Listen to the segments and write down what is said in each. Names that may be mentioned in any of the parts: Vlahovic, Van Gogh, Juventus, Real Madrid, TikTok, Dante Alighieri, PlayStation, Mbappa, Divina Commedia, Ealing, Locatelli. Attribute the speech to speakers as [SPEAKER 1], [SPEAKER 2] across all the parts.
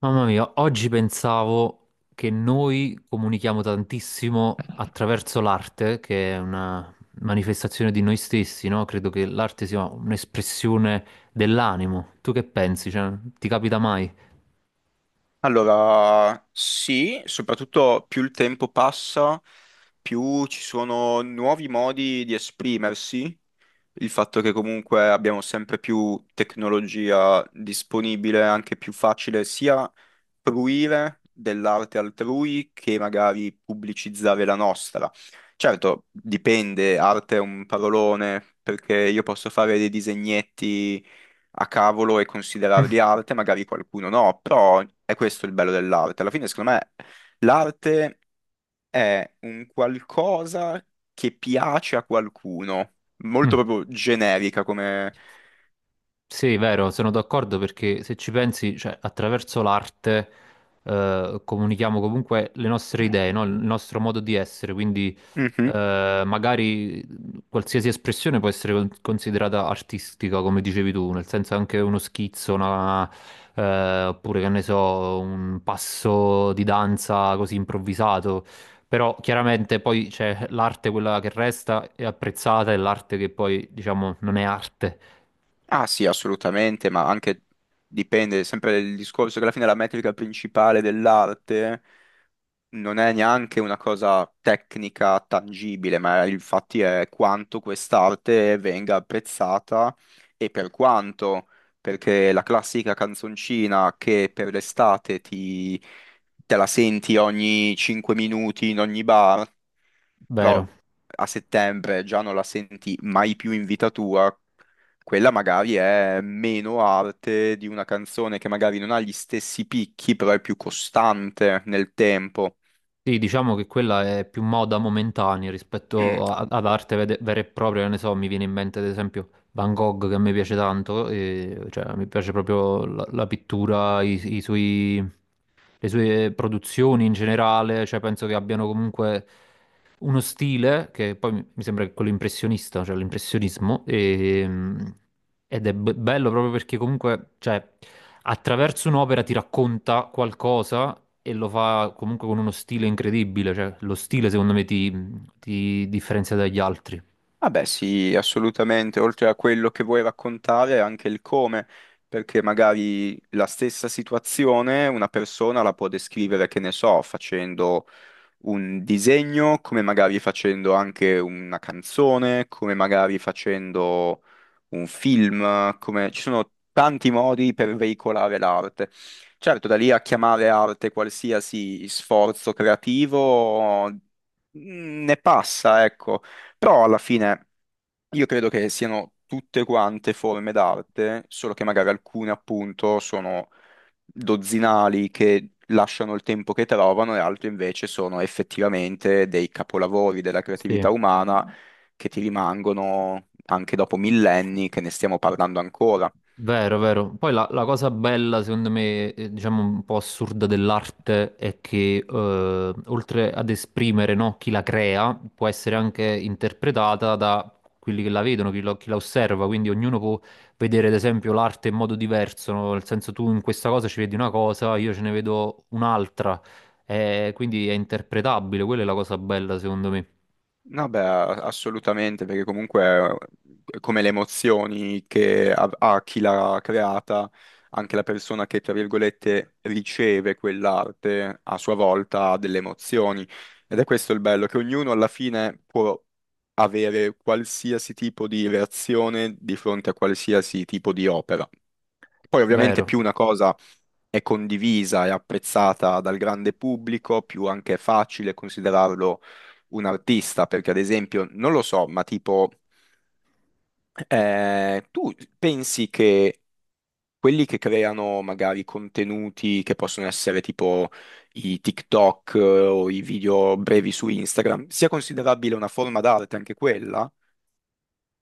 [SPEAKER 1] Mamma mia, oggi pensavo che noi comunichiamo tantissimo attraverso l'arte, che è una manifestazione di noi stessi, no? Credo che l'arte sia un'espressione dell'animo. Tu che pensi? Cioè, ti capita mai?
[SPEAKER 2] Allora, sì, soprattutto più il tempo passa, più ci sono nuovi modi di esprimersi. Il fatto che comunque abbiamo sempre più tecnologia disponibile, anche più facile sia fruire dell'arte altrui che magari pubblicizzare la nostra. Certo, dipende, arte è un parolone, perché io posso fare dei disegnetti a cavolo e considerare di arte, magari qualcuno no, però è questo il bello dell'arte. Alla fine, secondo me, l'arte è un qualcosa che piace a qualcuno, molto proprio generica come...
[SPEAKER 1] Sì, vero, sono d'accordo perché se ci pensi, cioè, attraverso l'arte comunichiamo comunque le nostre idee, no? Il nostro modo di essere, quindi
[SPEAKER 2] Mhm.
[SPEAKER 1] magari qualsiasi espressione può essere considerata artistica, come dicevi tu, nel senso anche uno schizzo, oppure che ne so, un passo di danza così improvvisato. Però chiaramente poi c'è l'arte quella che resta è apprezzata e l'arte che poi, diciamo, non è arte,
[SPEAKER 2] Ah sì, assolutamente, ma anche dipende sempre dal discorso che alla fine la metrica principale dell'arte non è neanche una cosa tecnica tangibile, ma infatti è quanto quest'arte venga apprezzata e per quanto, perché la classica canzoncina che per l'estate te la senti ogni 5 minuti in ogni bar, però
[SPEAKER 1] vero?
[SPEAKER 2] a settembre già non la senti mai più in vita tua. Quella magari è meno arte di una canzone che magari non ha gli stessi picchi, però è più costante nel tempo.
[SPEAKER 1] Sì, diciamo che quella è più moda momentanea
[SPEAKER 2] Mm.
[SPEAKER 1] rispetto ad arte vera e propria, che ne so, mi viene in mente ad esempio Van Gogh che a me piace tanto, e, cioè mi piace proprio la, la pittura, i suoi, le sue produzioni in generale, cioè penso che abbiano comunque uno stile che poi mi sembra che quello impressionista, cioè l'impressionismo, ed è bello proprio perché comunque, cioè, attraverso un'opera ti racconta qualcosa e lo fa comunque con uno stile incredibile, cioè lo stile secondo me ti differenzia dagli altri.
[SPEAKER 2] Vabbè, sì, assolutamente. Oltre a quello che vuoi raccontare, anche il come, perché magari la stessa situazione una persona la può descrivere, che ne so, facendo un disegno, come magari facendo anche una canzone, come magari facendo un film, come... ci sono tanti modi per veicolare l'arte. Certo, da lì a chiamare arte qualsiasi sforzo creativo ne passa, ecco, però alla fine io credo che siano tutte quante forme d'arte, solo che magari alcune appunto sono dozzinali che lasciano il tempo che trovano e altri invece sono effettivamente dei capolavori della
[SPEAKER 1] Sì.
[SPEAKER 2] creatività umana che ti rimangono anche dopo millenni che ne stiamo parlando ancora.
[SPEAKER 1] Vero, vero. Poi la, la cosa bella, secondo me, diciamo un po' assurda dell'arte è che oltre ad esprimere, no, chi la crea, può essere anche interpretata da quelli che la vedono, chi, chi la osserva. Quindi ognuno può vedere, ad esempio, l'arte in modo diverso, no? Nel senso tu in questa cosa ci vedi una cosa, io ce ne vedo un'altra. Quindi è interpretabile, quella è la cosa bella, secondo me.
[SPEAKER 2] No, beh, assolutamente, perché comunque come le emozioni che ha, ha chi l'ha creata, anche la persona che, tra virgolette, riceve quell'arte a sua volta ha delle emozioni. Ed è questo il bello, che ognuno alla fine può avere qualsiasi tipo di reazione di fronte a qualsiasi tipo di opera. Poi ovviamente
[SPEAKER 1] Vero.
[SPEAKER 2] più una cosa è condivisa e apprezzata dal grande pubblico, più anche è facile considerarlo un artista, perché ad esempio, non lo so, ma tipo, tu pensi che quelli che creano magari contenuti che possono essere tipo i TikTok o i video brevi su Instagram, sia considerabile una forma d'arte anche quella?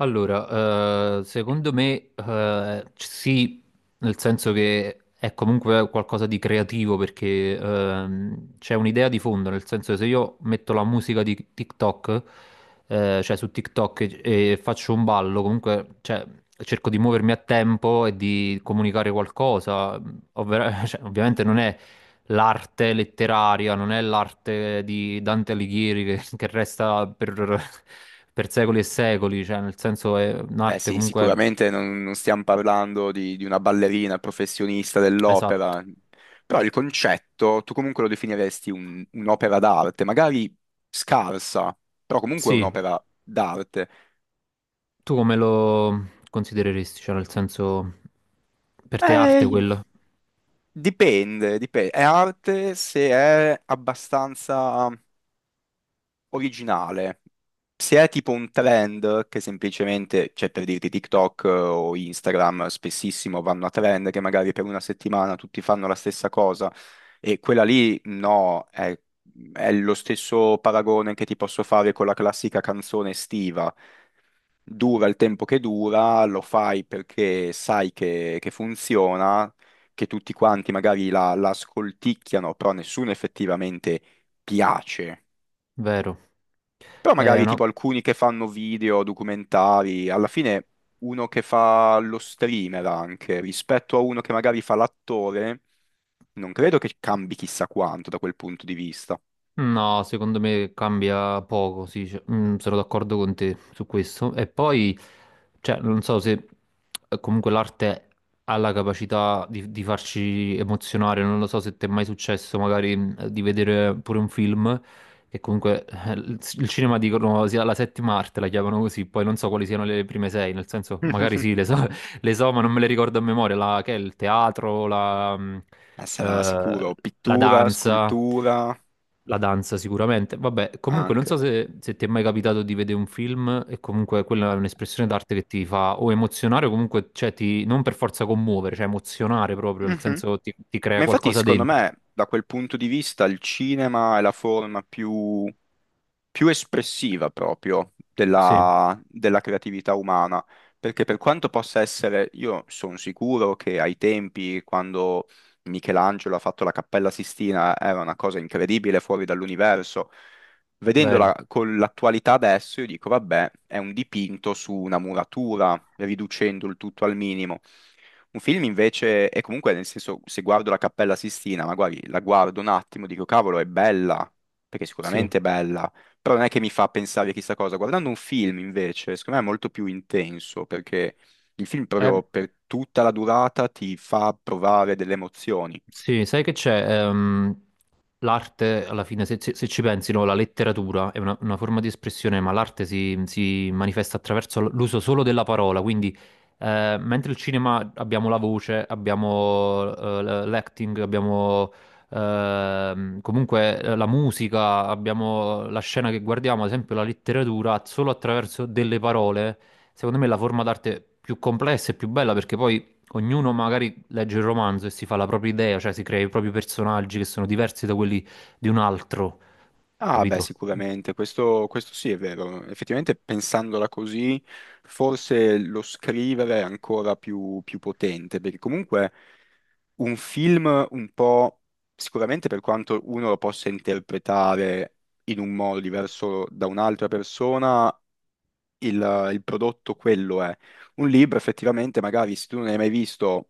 [SPEAKER 1] Allora, secondo me, sì, nel senso che è comunque qualcosa di creativo perché c'è un'idea di fondo, nel senso che se io metto la musica di TikTok, cioè su TikTok e faccio un ballo, comunque cioè, cerco di muovermi a tempo e di comunicare qualcosa, cioè, ovviamente non è l'arte letteraria, non è l'arte di Dante Alighieri che resta per secoli e secoli, cioè nel senso è
[SPEAKER 2] Beh
[SPEAKER 1] un'arte
[SPEAKER 2] sì,
[SPEAKER 1] comunque
[SPEAKER 2] sicuramente non stiamo parlando di una ballerina professionista
[SPEAKER 1] esatto.
[SPEAKER 2] dell'opera, però il concetto tu comunque lo definiresti un'opera d'arte, magari scarsa, però comunque è
[SPEAKER 1] Sì,
[SPEAKER 2] un'opera d'arte.
[SPEAKER 1] tu come lo considereresti? Cioè nel senso per te arte
[SPEAKER 2] Eh,
[SPEAKER 1] quello,
[SPEAKER 2] dipende. È arte se è abbastanza originale. Se è tipo un trend che semplicemente, cioè per dirti TikTok o Instagram, spessissimo vanno a trend che magari per una settimana tutti fanno la stessa cosa e quella lì no, è lo stesso paragone che ti posso fare con la classica canzone estiva dura il tempo che dura, lo fai perché sai che funziona, che tutti quanti magari la ascolticchiano, però nessuno effettivamente piace.
[SPEAKER 1] vero?
[SPEAKER 2] Però
[SPEAKER 1] È
[SPEAKER 2] magari
[SPEAKER 1] una-
[SPEAKER 2] tipo alcuni che fanno video, documentari, alla fine uno che fa lo streamer anche, rispetto a uno che magari fa l'attore, non credo che cambi chissà quanto da quel punto di vista.
[SPEAKER 1] No, secondo me cambia poco, sì, cioè, sono d'accordo con te su questo. E poi, cioè, non so se comunque l'arte ha la capacità di farci emozionare, non lo so se ti è mai successo magari di vedere pure un film, che comunque il cinema dicono sia la settima arte, la chiamano così, poi non so quali siano le prime sei, nel senso magari sì, le so, ma non me le ricordo a memoria, la, che è il teatro, la,
[SPEAKER 2] Sarà
[SPEAKER 1] eh,
[SPEAKER 2] sicuro
[SPEAKER 1] la
[SPEAKER 2] pittura,
[SPEAKER 1] danza,
[SPEAKER 2] scultura,
[SPEAKER 1] la danza sicuramente. Vabbè, comunque non so
[SPEAKER 2] anche.
[SPEAKER 1] se, se ti è mai capitato di vedere un film e comunque quella è un'espressione d'arte che ti fa o emozionare o comunque, cioè, ti, non per forza commuovere, cioè emozionare proprio, nel
[SPEAKER 2] Mhm.
[SPEAKER 1] senso ti, ti crea
[SPEAKER 2] Ma infatti,
[SPEAKER 1] qualcosa
[SPEAKER 2] secondo
[SPEAKER 1] dentro.
[SPEAKER 2] me, da quel punto di vista, il cinema è la forma più espressiva proprio
[SPEAKER 1] Sì,
[SPEAKER 2] della, della creatività umana, perché per quanto possa essere, io sono sicuro che ai tempi, quando Michelangelo ha fatto la Cappella Sistina, era una cosa incredibile fuori dall'universo.
[SPEAKER 1] vero,
[SPEAKER 2] Vedendola con l'attualità adesso, io dico, vabbè, è un dipinto su una muratura, riducendo il tutto al minimo. Un film invece, e comunque nel senso, se guardo la Cappella Sistina, magari la guardo un attimo, dico, cavolo, è bella, perché
[SPEAKER 1] sì.
[SPEAKER 2] sicuramente è bella, però non è che mi fa pensare a chissà cosa. Guardando un film, invece, secondo me è molto più intenso, perché il film
[SPEAKER 1] Eh,
[SPEAKER 2] proprio per tutta la durata ti fa provare delle emozioni.
[SPEAKER 1] sì, sai che c'è? L'arte, alla fine, se, se ci pensi, no, la letteratura è una forma di espressione, ma l'arte si, si manifesta attraverso l'uso solo della parola. Quindi, mentre il cinema abbiamo la voce, abbiamo l'acting, abbiamo comunque la musica, abbiamo la scena che guardiamo, ad esempio la letteratura, solo attraverso delle parole, secondo me è la forma d'arte più complessa e più bella perché poi ognuno magari legge il romanzo e si fa la propria idea, cioè si crea i propri personaggi che sono diversi da quelli di un altro,
[SPEAKER 2] Ah, beh,
[SPEAKER 1] capito?
[SPEAKER 2] sicuramente, questo sì è vero. Effettivamente, pensandola così, forse lo scrivere è ancora più potente, perché comunque un film un po', sicuramente per quanto uno lo possa interpretare in un modo diverso da un'altra persona, il prodotto quello è. Un libro effettivamente, magari se tu non hai mai visto,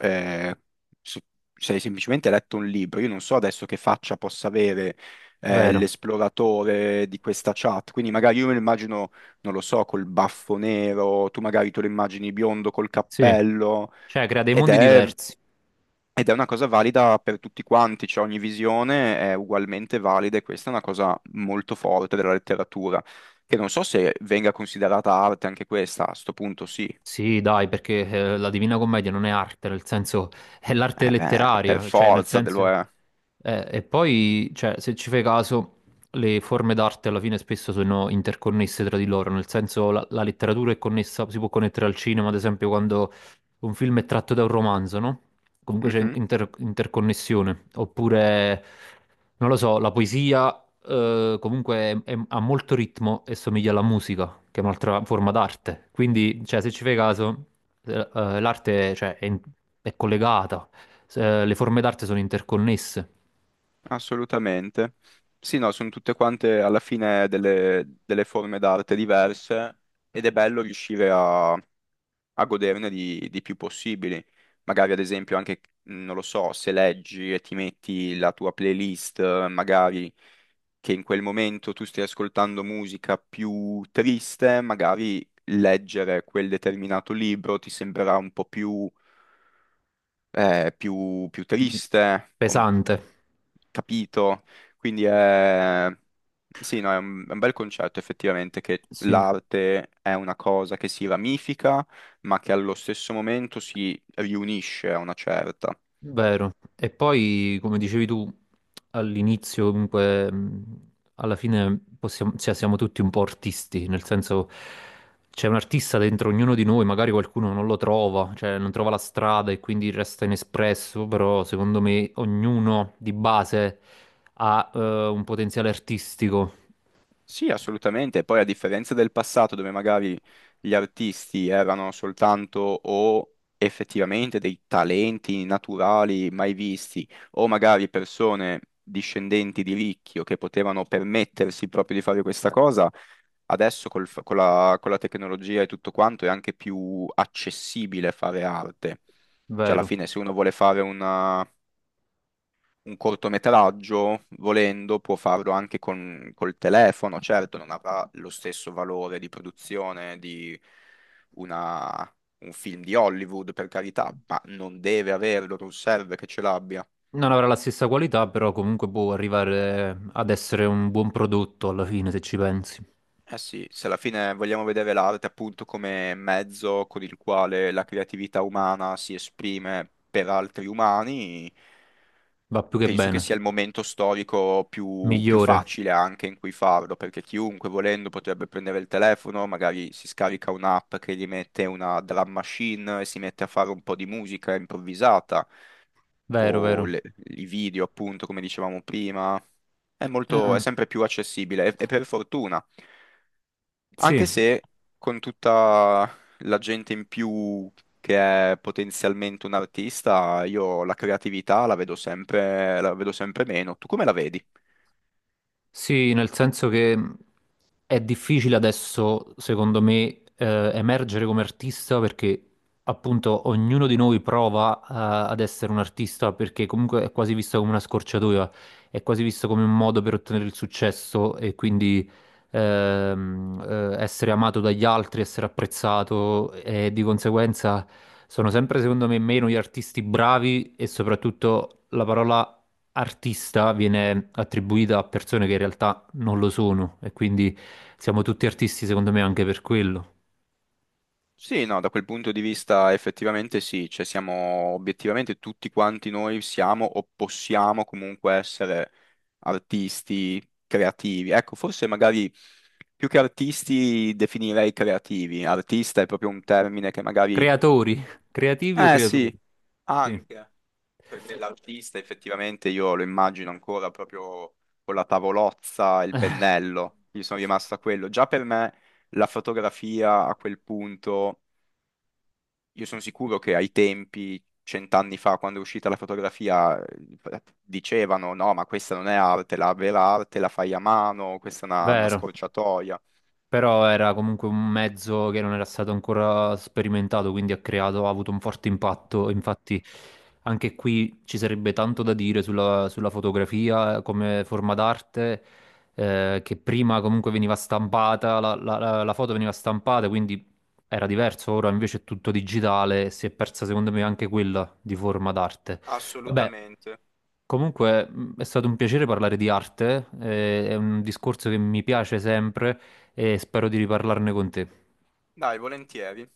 [SPEAKER 2] eh, se se hai semplicemente letto un libro, io non so adesso che faccia possa avere
[SPEAKER 1] Vero,
[SPEAKER 2] l'esploratore di questa chat, quindi magari io me lo immagino, non lo so, col baffo nero, tu magari te lo immagini biondo col
[SPEAKER 1] sì.
[SPEAKER 2] cappello,
[SPEAKER 1] Cioè crea dei
[SPEAKER 2] ed
[SPEAKER 1] mondi
[SPEAKER 2] è
[SPEAKER 1] diversi.
[SPEAKER 2] ed è una cosa valida per tutti quanti, cioè ogni visione è ugualmente valida e questa è una cosa molto forte della letteratura, che non so se venga considerata arte anche questa, a sto punto sì,
[SPEAKER 1] Sì, dai, perché la Divina Commedia non è arte, nel senso è l'arte
[SPEAKER 2] eh beh, per
[SPEAKER 1] letteraria, cioè nel
[SPEAKER 2] forza lo
[SPEAKER 1] senso...
[SPEAKER 2] è.
[SPEAKER 1] E poi, cioè, se ci fai caso, le forme d'arte alla fine spesso sono interconnesse tra di loro, nel senso la, la letteratura è connessa, si può connettere al cinema, ad esempio, quando un film è tratto da un romanzo, no? Comunque c'è
[SPEAKER 2] Mhm,
[SPEAKER 1] interconnessione. Oppure, non lo so, la poesia comunque ha molto ritmo e somiglia alla musica, che è un'altra forma d'arte. Quindi, cioè, se ci fai caso, l'arte, cioè, è collegata, le forme d'arte sono interconnesse.
[SPEAKER 2] assolutamente. Sì, no, sono tutte quante alla fine delle forme d'arte diverse ed è bello riuscire a goderne di più possibili. Magari ad esempio anche, non lo so, se leggi e ti metti la tua playlist, magari che in quel momento tu stai ascoltando musica più triste, magari leggere quel determinato libro ti sembrerà un po' più, più triste. O-
[SPEAKER 1] Pesante,
[SPEAKER 2] Capito? Quindi è... Sì, no, è è un bel concetto effettivamente che
[SPEAKER 1] sì.
[SPEAKER 2] l'arte è una cosa che si ramifica, ma che allo stesso momento si riunisce a una certa.
[SPEAKER 1] Vero. E poi, come dicevi tu all'inizio, comunque, alla fine possiamo- cioè, siamo tutti un po' artisti, nel senso c'è un artista dentro ognuno di noi, magari qualcuno non lo trova, cioè non trova la strada e quindi resta inespresso, però secondo me ognuno di base ha un potenziale artistico,
[SPEAKER 2] Sì, assolutamente. Poi a differenza del passato, dove magari gli artisti erano soltanto o effettivamente dei talenti naturali mai visti, o magari persone discendenti di ricchi o che potevano permettersi proprio di fare questa cosa, adesso con con la tecnologia e tutto quanto è anche più accessibile fare arte. Cioè, alla
[SPEAKER 1] vero.
[SPEAKER 2] fine, se uno vuole fare un cortometraggio, volendo, può farlo anche col telefono. Certo, non avrà lo stesso valore di produzione di una- un film di Hollywood, per carità, ma non deve averlo, non serve che ce l'abbia.
[SPEAKER 1] Non avrà la stessa qualità, però comunque può arrivare ad essere un buon prodotto alla fine, se ci pensi.
[SPEAKER 2] Eh sì, se alla fine vogliamo vedere l'arte appunto come mezzo con il quale la creatività umana si esprime per altri umani,
[SPEAKER 1] Va più che
[SPEAKER 2] penso che
[SPEAKER 1] bene,
[SPEAKER 2] sia il momento storico più
[SPEAKER 1] migliore.
[SPEAKER 2] facile anche in cui farlo, perché chiunque volendo potrebbe prendere il telefono, magari si scarica un'app che gli mette una drum machine e si mette a fare un po' di musica improvvisata,
[SPEAKER 1] Vero,
[SPEAKER 2] o
[SPEAKER 1] vero.
[SPEAKER 2] i video appunto, come dicevamo prima.
[SPEAKER 1] Eh,
[SPEAKER 2] È
[SPEAKER 1] eh,
[SPEAKER 2] sempre più accessibile e per fortuna.
[SPEAKER 1] sì,
[SPEAKER 2] Anche se con tutta la gente in più che è potenzialmente un artista, io la creatività la vedo sempre meno. Tu come la vedi?
[SPEAKER 1] sì, nel senso che è difficile adesso, secondo me, emergere come artista perché appunto ognuno di noi prova, ad essere un artista perché comunque è quasi visto come una scorciatoia, è quasi visto come un modo per ottenere il successo e quindi ehm, essere amato dagli altri, essere apprezzato e di conseguenza sono sempre, secondo me, meno gli artisti bravi e soprattutto la parola artista viene attribuita a persone che in realtà non lo sono e quindi siamo tutti artisti secondo me anche per quello.
[SPEAKER 2] Sì, no, da quel punto di vista effettivamente sì, cioè siamo obiettivamente tutti quanti noi siamo o possiamo comunque essere artisti creativi. Ecco, forse magari più che artisti definirei creativi. Artista è proprio un termine che magari...
[SPEAKER 1] Creatori, creativi o
[SPEAKER 2] Eh sì,
[SPEAKER 1] creatori? Sì.
[SPEAKER 2] anche. Perché l'artista effettivamente io lo immagino ancora proprio con la tavolozza e il pennello, io sono rimasto a quello. Già per me la fotografia a quel punto, io sono sicuro che ai tempi, cent'anni fa, quando è uscita la fotografia, dicevano no, ma questa non è arte, la vera arte la fai a mano, questa è una
[SPEAKER 1] Vero.
[SPEAKER 2] scorciatoia.
[SPEAKER 1] Però era comunque un mezzo che non era stato ancora sperimentato, quindi ha creato, ha avuto un forte impatto. Infatti, anche qui ci sarebbe tanto da dire sulla, sulla fotografia come forma d'arte, che prima comunque veniva stampata, la, la foto veniva stampata, quindi era diverso. Ora invece è tutto digitale e si è persa, secondo me, anche quella di forma d'arte. Vabbè.
[SPEAKER 2] Assolutamente.
[SPEAKER 1] Comunque è stato un piacere parlare di arte, è un discorso che mi piace sempre e spero di riparlarne con te.
[SPEAKER 2] Dai, volentieri.